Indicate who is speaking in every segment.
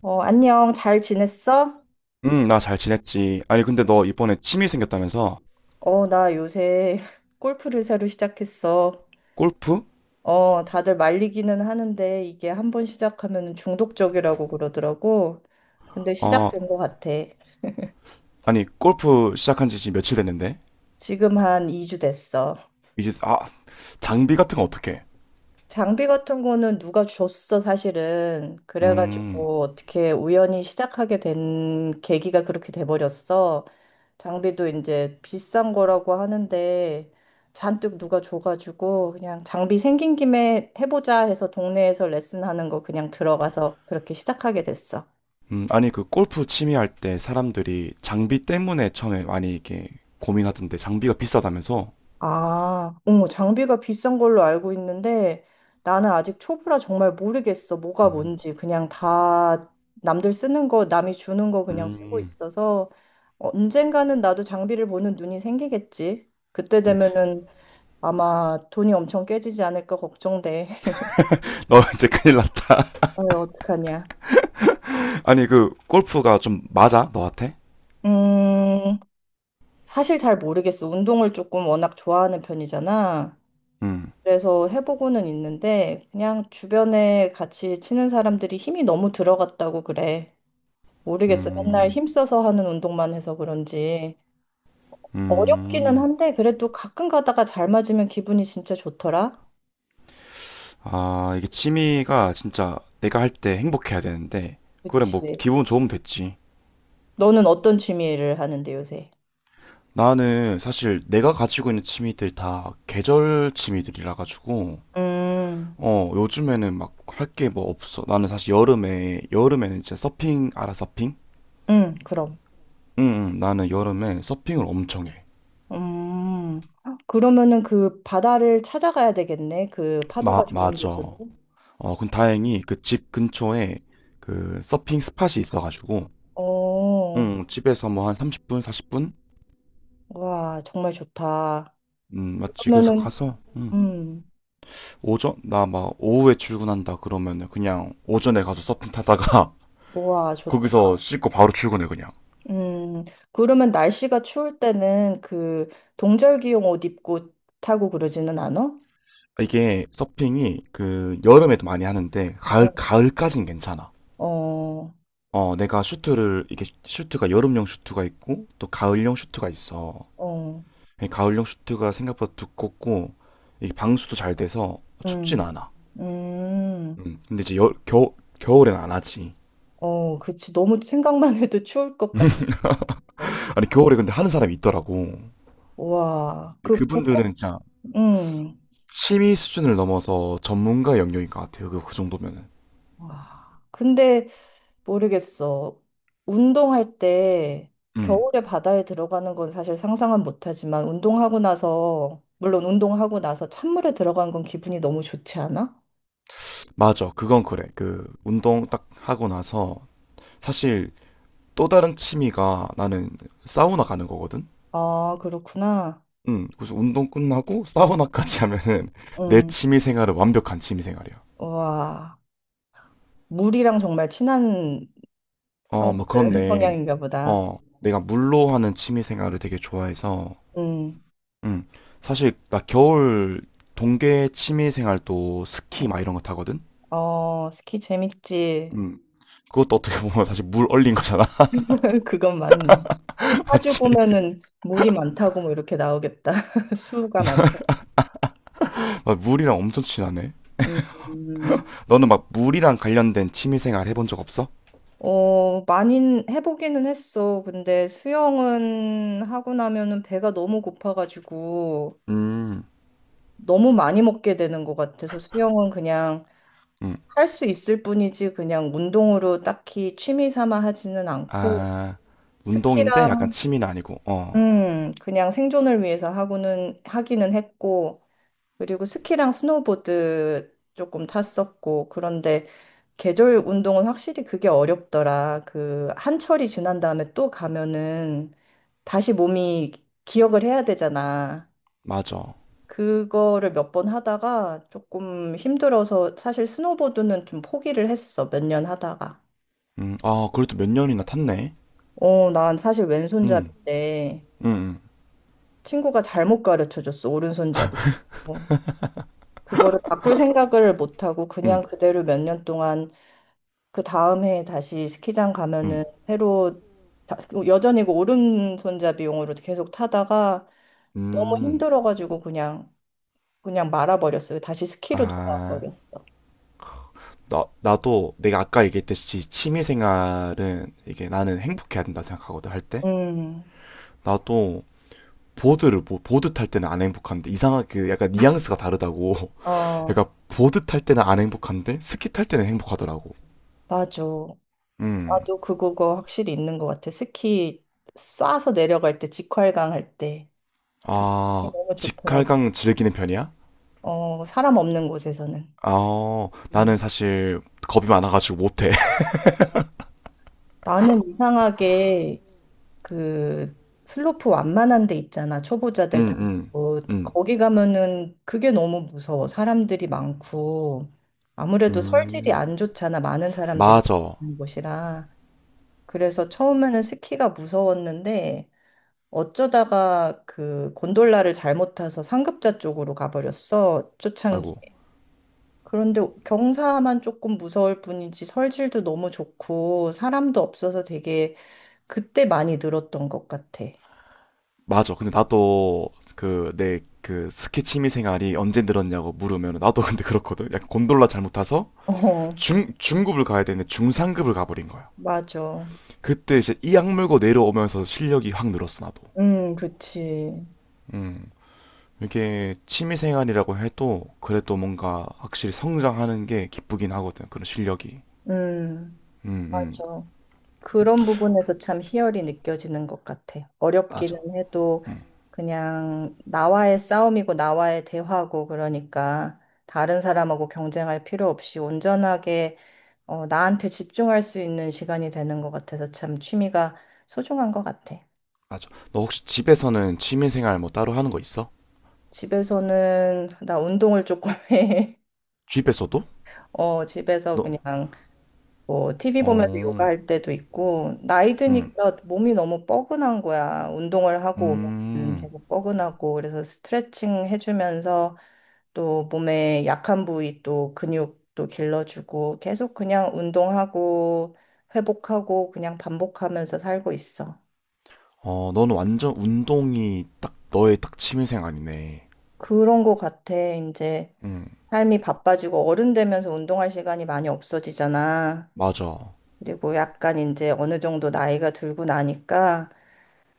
Speaker 1: 안녕. 잘 지냈어?
Speaker 2: 나 잘 지냈지. 아니, 근데 너 이번에 취미 생겼다면서?
Speaker 1: 나 요새 골프를 새로 시작했어.
Speaker 2: 골프?
Speaker 1: 다들 말리기는 하는데 이게 한번 시작하면 중독적이라고 그러더라고. 근데
Speaker 2: 아,
Speaker 1: 시작된 것 같아.
Speaker 2: 아니, 골프 시작한 지 지금 며칠 됐는데?
Speaker 1: 지금 한 2주 됐어.
Speaker 2: 이제, 아, 장비 같은 거 어떻게?
Speaker 1: 장비 같은 거는 누가 줬어, 사실은.
Speaker 2: 음,
Speaker 1: 그래가지고 어떻게 우연히 시작하게 된 계기가 그렇게 돼버렸어. 장비도 이제 비싼 거라고 하는데 잔뜩 누가 줘가지고 그냥 장비 생긴 김에 해보자 해서 동네에서 레슨하는 거 그냥 들어가서 그렇게 시작하게 됐어.
Speaker 2: 아니, 그 골프 취미 할 때 사람들이 장비 때문에 처음에 많이 이렇게 고민하던데, 장비가 비싸다면서?
Speaker 1: 아, 어, 장비가 비싼 걸로 알고 있는데 나는 아직 초보라 정말 모르겠어. 뭐가
Speaker 2: 음,
Speaker 1: 뭔지. 그냥 다 남들 쓰는 거, 남이 주는 거 그냥 쓰고
Speaker 2: 음,
Speaker 1: 있어서 언젠가는 나도 장비를 보는 눈이 생기겠지. 그때
Speaker 2: 음.
Speaker 1: 되면은 아마 돈이 엄청 깨지지 않을까 걱정돼.
Speaker 2: 너 이제 큰일 났다.
Speaker 1: 어, 어떡하냐.
Speaker 2: 아니, 그, 골프가 좀 맞아? 너한테?
Speaker 1: 음, 사실 잘 모르겠어. 운동을 조금 워낙 좋아하는 편이잖아.
Speaker 2: 음,
Speaker 1: 그래서 해보고는 있는데 그냥 주변에 같이 치는 사람들이 힘이 너무 들어갔다고 그래. 모르겠어. 맨날
Speaker 2: 음,
Speaker 1: 힘써서 하는 운동만 해서 그런지 어렵기는
Speaker 2: 음.
Speaker 1: 한데 그래도 가끔 가다가 잘 맞으면 기분이 진짜 좋더라.
Speaker 2: 아, 이게 취미가 진짜 내가 할 때 행복해야 되는데, 그래,
Speaker 1: 그치.
Speaker 2: 뭐, 기분 좋으면 됐지.
Speaker 1: 너는 어떤 취미를 하는데 요새?
Speaker 2: 나는 사실 내가 가지고 있는 취미들 다 계절 취미들이라 가지고,
Speaker 1: 음,
Speaker 2: 어, 요즘에는 막 할 게 뭐 없어. 나는 사실 여름에는 진짜 서핑, 알아, 서핑?
Speaker 1: 그럼.
Speaker 2: 응, 응, 나는 여름에 서핑을 엄청 해.
Speaker 1: 음, 그러면은 그 바다를 찾아가야 되겠네. 그 파도가
Speaker 2: 마,
Speaker 1: 좋은
Speaker 2: 맞아.
Speaker 1: 곳으로.
Speaker 2: 어, 근 다행히 그 집 근처에 그 서핑 스팟이 있어가지고,
Speaker 1: 어,
Speaker 2: 응, 집에서 뭐 한 30분, 40분?
Speaker 1: 와, 정말 좋다.
Speaker 2: 맞지. 그래서
Speaker 1: 그러면은,
Speaker 2: 가서, 응.
Speaker 1: 음.
Speaker 2: 오전 나 막 오후에 출근한다 그러면은 그냥 오전에 가서 서핑 타다가
Speaker 1: 우와, 좋다.
Speaker 2: 거기서 씻고 바로 출근해 그냥.
Speaker 1: 음, 그러면 날씨가 추울 때는 그 동절기용 옷 입고 타고 그러지는 않아?
Speaker 2: 이게 서핑이 그 여름에도 많이 하는데 가을
Speaker 1: 어,
Speaker 2: 가을까진 괜찮아.
Speaker 1: 어,
Speaker 2: 어 내가 슈트를 이게 슈트가 여름용 슈트가 있고 또 가을용 슈트가 있어.
Speaker 1: 어,
Speaker 2: 이 가을용 슈트가 생각보다 두껍고 이게 방수도 잘 돼서 춥진
Speaker 1: 음,
Speaker 2: 않아.
Speaker 1: 음,
Speaker 2: 근데 이제 겨울엔 안 하지.
Speaker 1: 어, 그치. 너무 생각만 해도 추울 것 같아.
Speaker 2: 아니 겨울에 근데 하는 사람이 있더라고. 근데
Speaker 1: 우와, 그
Speaker 2: 그분들은
Speaker 1: 벚꽃,
Speaker 2: 진짜
Speaker 1: 음,
Speaker 2: 취미 수준을 넘어서 전문가 영역인 것 같아요. 그 정도면은.
Speaker 1: 와. 근데 모르겠어. 운동할 때
Speaker 2: 음,
Speaker 1: 겨울에 바다에 들어가는 건 사실 상상은 못하지만 운동하고 나서 물론 운동하고 나서 찬물에 들어간 건 기분이 너무 좋지 않아?
Speaker 2: 맞아. 그건 그래. 그, 운동 딱 하고 나서, 사실 또 다른 취미가 나는 사우나 가는 거거든?
Speaker 1: 아, 그렇구나.
Speaker 2: 그래서 운동 끝나고 사우나까지 하면은 내
Speaker 1: 응.
Speaker 2: 취미 생활은 완벽한 취미 생활이야.
Speaker 1: 와, 물이랑 정말 친한
Speaker 2: 어,
Speaker 1: 성,
Speaker 2: 뭐
Speaker 1: 그
Speaker 2: 그런데,
Speaker 1: 성향인가 보다.
Speaker 2: 어, 내가 물로 하는 취미 생활을 되게 좋아해서,
Speaker 1: 응.
Speaker 2: 음, 사실 나 겨울 동계 취미 생활도 스키
Speaker 1: 어,
Speaker 2: 막 이런 거 타거든?
Speaker 1: 어, 스키 재밌지.
Speaker 2: 음, 그것도 어떻게 보면 사실 물 얼린 거잖아.
Speaker 1: 그건 맞네. 파주
Speaker 2: 맞지?
Speaker 1: 보면은 물이 많다고 뭐 이렇게 나오겠다. 수가 많다.
Speaker 2: 아, 물이랑 엄청 친하네.
Speaker 1: 음.
Speaker 2: 너는 막 물이랑 관련된 취미생활 해본 적 없어?
Speaker 1: 어, 많이 해보기는 했어. 근데 수영은 하고 나면은 배가 너무 고파가지고
Speaker 2: 음,
Speaker 1: 너무 많이 먹게 되는 것 같아서 수영은 그냥
Speaker 2: 음.
Speaker 1: 할 수 있을 뿐이지 그냥 운동으로 딱히 취미 삼아 하지는 않고
Speaker 2: 아, 운동인데 약간
Speaker 1: 스키랑,
Speaker 2: 취미는 아니고. 어,
Speaker 1: 그냥 생존을 위해서 하고는 하기는 했고 그리고 스키랑 스노보드 조금 탔었고 그런데 계절 운동은 확실히 그게 어렵더라. 그 한철이 지난 다음에 또 가면은 다시 몸이 기억을 해야 되잖아.
Speaker 2: 맞아.
Speaker 1: 그거를 몇 번 하다가 조금 힘들어서 사실 스노보드는 좀 포기를 했어. 몇 년 하다가.
Speaker 2: 아, 그래도 몇 년이나 탔네.
Speaker 1: 어, 난 사실
Speaker 2: 음,
Speaker 1: 왼손잡이인데
Speaker 2: 음,
Speaker 1: 친구가 잘못 가르쳐 줬어. 오른손잡이. 어, 그거를 바꿀 생각을 못 하고 그냥
Speaker 2: 음,
Speaker 1: 그대로 몇 년 동안 그 다음 해에 다시 스키장
Speaker 2: 음,
Speaker 1: 가면은
Speaker 2: 음.
Speaker 1: 새로 다- 여전히 그 오른손잡이용으로 계속 타다가 너무
Speaker 2: 음.
Speaker 1: 힘들어가지고 그냥 말아버렸어요. 다시 스키로
Speaker 2: 아,
Speaker 1: 돌아버렸어.
Speaker 2: 나도 내가 아까 얘기했듯이 취미생활은 이게 나는 행복해야 된다 생각하거든, 할 때.
Speaker 1: 음,
Speaker 2: 나도 뭐, 보드 탈 때는 안 행복한데 이상하게 약간 뉘앙스가 다르다고.
Speaker 1: 어,
Speaker 2: 그러니까 보드 탈 때는 안 행복한데 스키 탈 때는 행복하더라고.
Speaker 1: 맞아.
Speaker 2: 음.
Speaker 1: 나도 그거 확실히 있는 것 같아. 스키 쏴서 내려갈 때 직활강 할 때. 그게
Speaker 2: 아,
Speaker 1: 너무 좋더라고.
Speaker 2: 직할강 즐기는 편이야?
Speaker 1: 어, 사람 없는 곳에서는.
Speaker 2: 아,
Speaker 1: 음.
Speaker 2: 나는 사실 겁이 많아가지고 못해.
Speaker 1: 나는 이상하게 그 슬로프 완만한 데 있잖아.
Speaker 2: 음,
Speaker 1: 초보자들 다.
Speaker 2: 음,
Speaker 1: 어,
Speaker 2: 음,
Speaker 1: 거기 가면은 그게 너무 무서워. 사람들이 많고 아무래도 설질이
Speaker 2: 음.
Speaker 1: 안 좋잖아. 많은 사람들이
Speaker 2: 맞아.
Speaker 1: 있는 곳이라. 그래서 처음에는 스키가 무서웠는데 어쩌다가 그 곤돌라를 잘못 타서 상급자 쪽으로 가버렸어.
Speaker 2: 아이고,
Speaker 1: 초창기에. 그런데 경사만 조금 무서울 뿐이지 설질도 너무 좋고 사람도 없어서 되게 그때 많이 늘었던 것 같아.
Speaker 2: 맞아. 근데 나도 그 내 그 스키 취미 생활이 언제 늘었냐고 물으면 나도 근데 그렇거든. 약간 곤돌라 잘못 타서
Speaker 1: 어.
Speaker 2: 중 중급을 가야 되는데 중상급을 가버린 거야.
Speaker 1: 맞아.
Speaker 2: 그때 이제 이악 물고 내려오면서 실력이 확 늘었어 나도.
Speaker 1: 그치.
Speaker 2: 음. 이게 취미생활이라고 해도 그래도 뭔가 확실히 성장하는 게 기쁘긴 하거든. 그런 실력이.
Speaker 1: 음,
Speaker 2: 음, 음.
Speaker 1: 맞아. 그런 부분에서 참 희열이 느껴지는 것 같아. 어렵기는
Speaker 2: 맞아.
Speaker 1: 해도
Speaker 2: 음,
Speaker 1: 그냥 나와의 싸움이고 나와의 대화고 그러니까 다른 사람하고 경쟁할 필요 없이 온전하게 어, 나한테 집중할 수 있는 시간이 되는 것 같아서 참 취미가 소중한 것 같아.
Speaker 2: 맞아. 너 혹시 집에서는 취미생활 뭐 따로 하는 거 있어?
Speaker 1: 집에서는 나 운동을 조금 해.
Speaker 2: 집에서도?
Speaker 1: 어, 집에서
Speaker 2: 너,
Speaker 1: 그냥 뭐 TV 보면서
Speaker 2: 어,
Speaker 1: 요가할 때도 있고 나이
Speaker 2: 음,
Speaker 1: 드니까 몸이 너무 뻐근한 거야. 운동을 하고 오면
Speaker 2: 음.
Speaker 1: 계속 뻐근하고 그래서 스트레칭 해주면서 또 몸에 약한 부위 또 근육도 길러주고 계속 그냥 운동하고 회복하고 그냥 반복하면서 살고 있어.
Speaker 2: 어, 너는 완전 운동이 딱 너의 딱 취미생활이네.
Speaker 1: 그런 거 같아. 이제
Speaker 2: 음,
Speaker 1: 삶이 바빠지고 어른 되면서 운동할 시간이 많이 없어지잖아.
Speaker 2: 맞아.
Speaker 1: 그리고 약간 이제 어느 정도 나이가 들고 나니까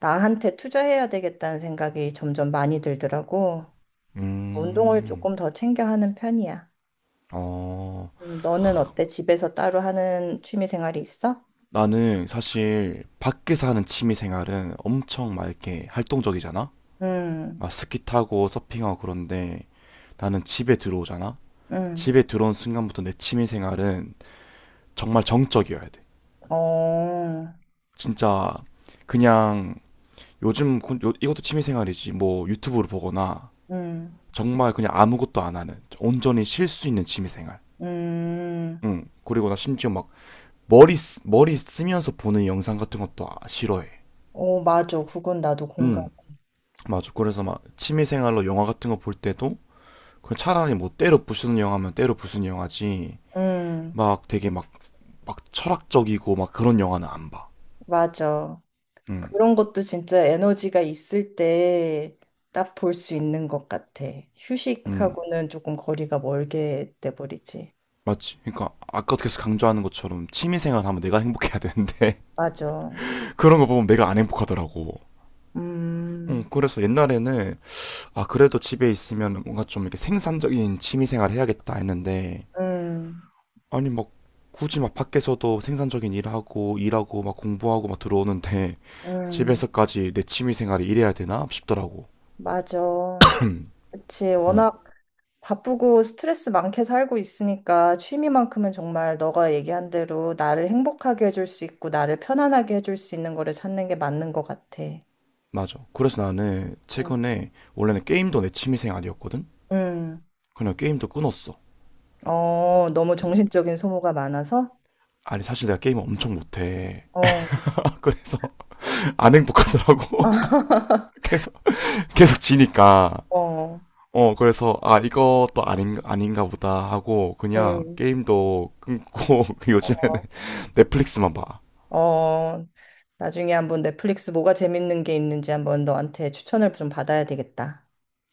Speaker 1: 나한테 투자해야 되겠다는 생각이 점점 많이 들더라고. 운동을
Speaker 2: 음,
Speaker 1: 조금 더 챙겨 하는 편이야.
Speaker 2: 어.
Speaker 1: 너는 어때? 집에서 따로 하는 취미 생활이 있어?
Speaker 2: 나는 사실 밖에서 하는 취미생활은 엄청 막 이렇게 활동적이잖아?
Speaker 1: 음,
Speaker 2: 막 스키 타고 서핑하고 그런데 나는 집에 들어오잖아?
Speaker 1: 음,
Speaker 2: 집에 들어온 순간부터 내 취미 생활은 정말 정적이어야 돼.
Speaker 1: 어,
Speaker 2: 진짜 그냥 요즘 이것도 취미 생활이지. 뭐 유튜브를 보거나
Speaker 1: 음,
Speaker 2: 정말 그냥 아무것도 안 하는 온전히 쉴 수 있는 취미 생활.
Speaker 1: 음,
Speaker 2: 응. 그리고 나 심지어 막 머리 쓰면서 보는 영상 같은 것도 싫어해.
Speaker 1: 오, 맞아. 그건 나도 공감.
Speaker 2: 응. 맞아. 그래서 막 취미 생활로 영화 같은 거 볼 때도 그냥 차라리 뭐 때로 부수는 영화면 때로 부수는 영화지.
Speaker 1: 음,
Speaker 2: 막 되게 막 철학적이고 막 그런 영화는 안 봐.
Speaker 1: 맞아.
Speaker 2: 음,
Speaker 1: 그런 것도 진짜 에너지가 있을 때 딱 볼 수 있는 것 같아.
Speaker 2: 음,
Speaker 1: 휴식하고는 조금 거리가 멀게 돼버리지.
Speaker 2: 맞지. 그러니까 아까 계속 강조하는 것처럼 취미생활 하면 내가 행복해야 되는데
Speaker 1: 맞아.
Speaker 2: 그런 거 보면 내가 안 행복하더라고.
Speaker 1: 음.
Speaker 2: 그래서 옛날에는 아 그래도 집에 있으면 뭔가 좀 이렇게 생산적인 취미생활 해야겠다 했는데
Speaker 1: 음,
Speaker 2: 아니 막 굳이 막 밖에서도 생산적인 일하고 일하고 막 공부하고 막 들어오는데
Speaker 1: 음,
Speaker 2: 집에서까지 내 취미생활이 이래야 되나 싶더라고.
Speaker 1: 맞아. 그치.
Speaker 2: 음,
Speaker 1: 워낙 바쁘고 스트레스 많게 살고 있으니까 취미만큼은 정말 너가 얘기한 대로 나를 행복하게 해줄 수 있고 나를 편안하게 해줄 수 있는 거를 찾는 게 맞는 것 같아.
Speaker 2: 맞아. 그래서 나는
Speaker 1: 음,
Speaker 2: 최근에 원래는 게임도 내 취미생활이었거든.
Speaker 1: 음.
Speaker 2: 그냥 게임도 끊었어.
Speaker 1: 어, 너무 정신적인 소모가 많아서?
Speaker 2: 아니 사실 내가 게임을 엄청 못해.
Speaker 1: 어,
Speaker 2: 그래서 안 행복하더라고. 계속 계속 지니까.
Speaker 1: 어,
Speaker 2: 어 그래서 아 이것도 아닌가 보다 하고 그냥
Speaker 1: 음,
Speaker 2: 게임도 끊고 요즘에는
Speaker 1: 어,
Speaker 2: 넷플릭스만 봐.
Speaker 1: 어. 나중에 한번 넷플릭스 뭐가 재밌는 게 있는지 한번 너한테 추천을 좀 받아야 되겠다.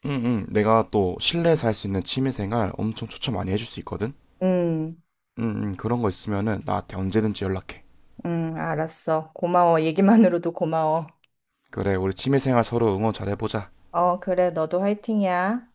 Speaker 2: 응응 내가 또 실내에서 할 수 있는 취미생활 엄청 추천 많이 해줄 수 있거든.
Speaker 1: 음.
Speaker 2: 응응 그런 거 있으면은 나한테 언제든지 연락해.
Speaker 1: 응, 알았어. 고마워. 얘기만으로도 고마워.
Speaker 2: 그래 우리 취미생활 서로 응원 잘 해보자.
Speaker 1: 어, 그래, 너도 화이팅이야.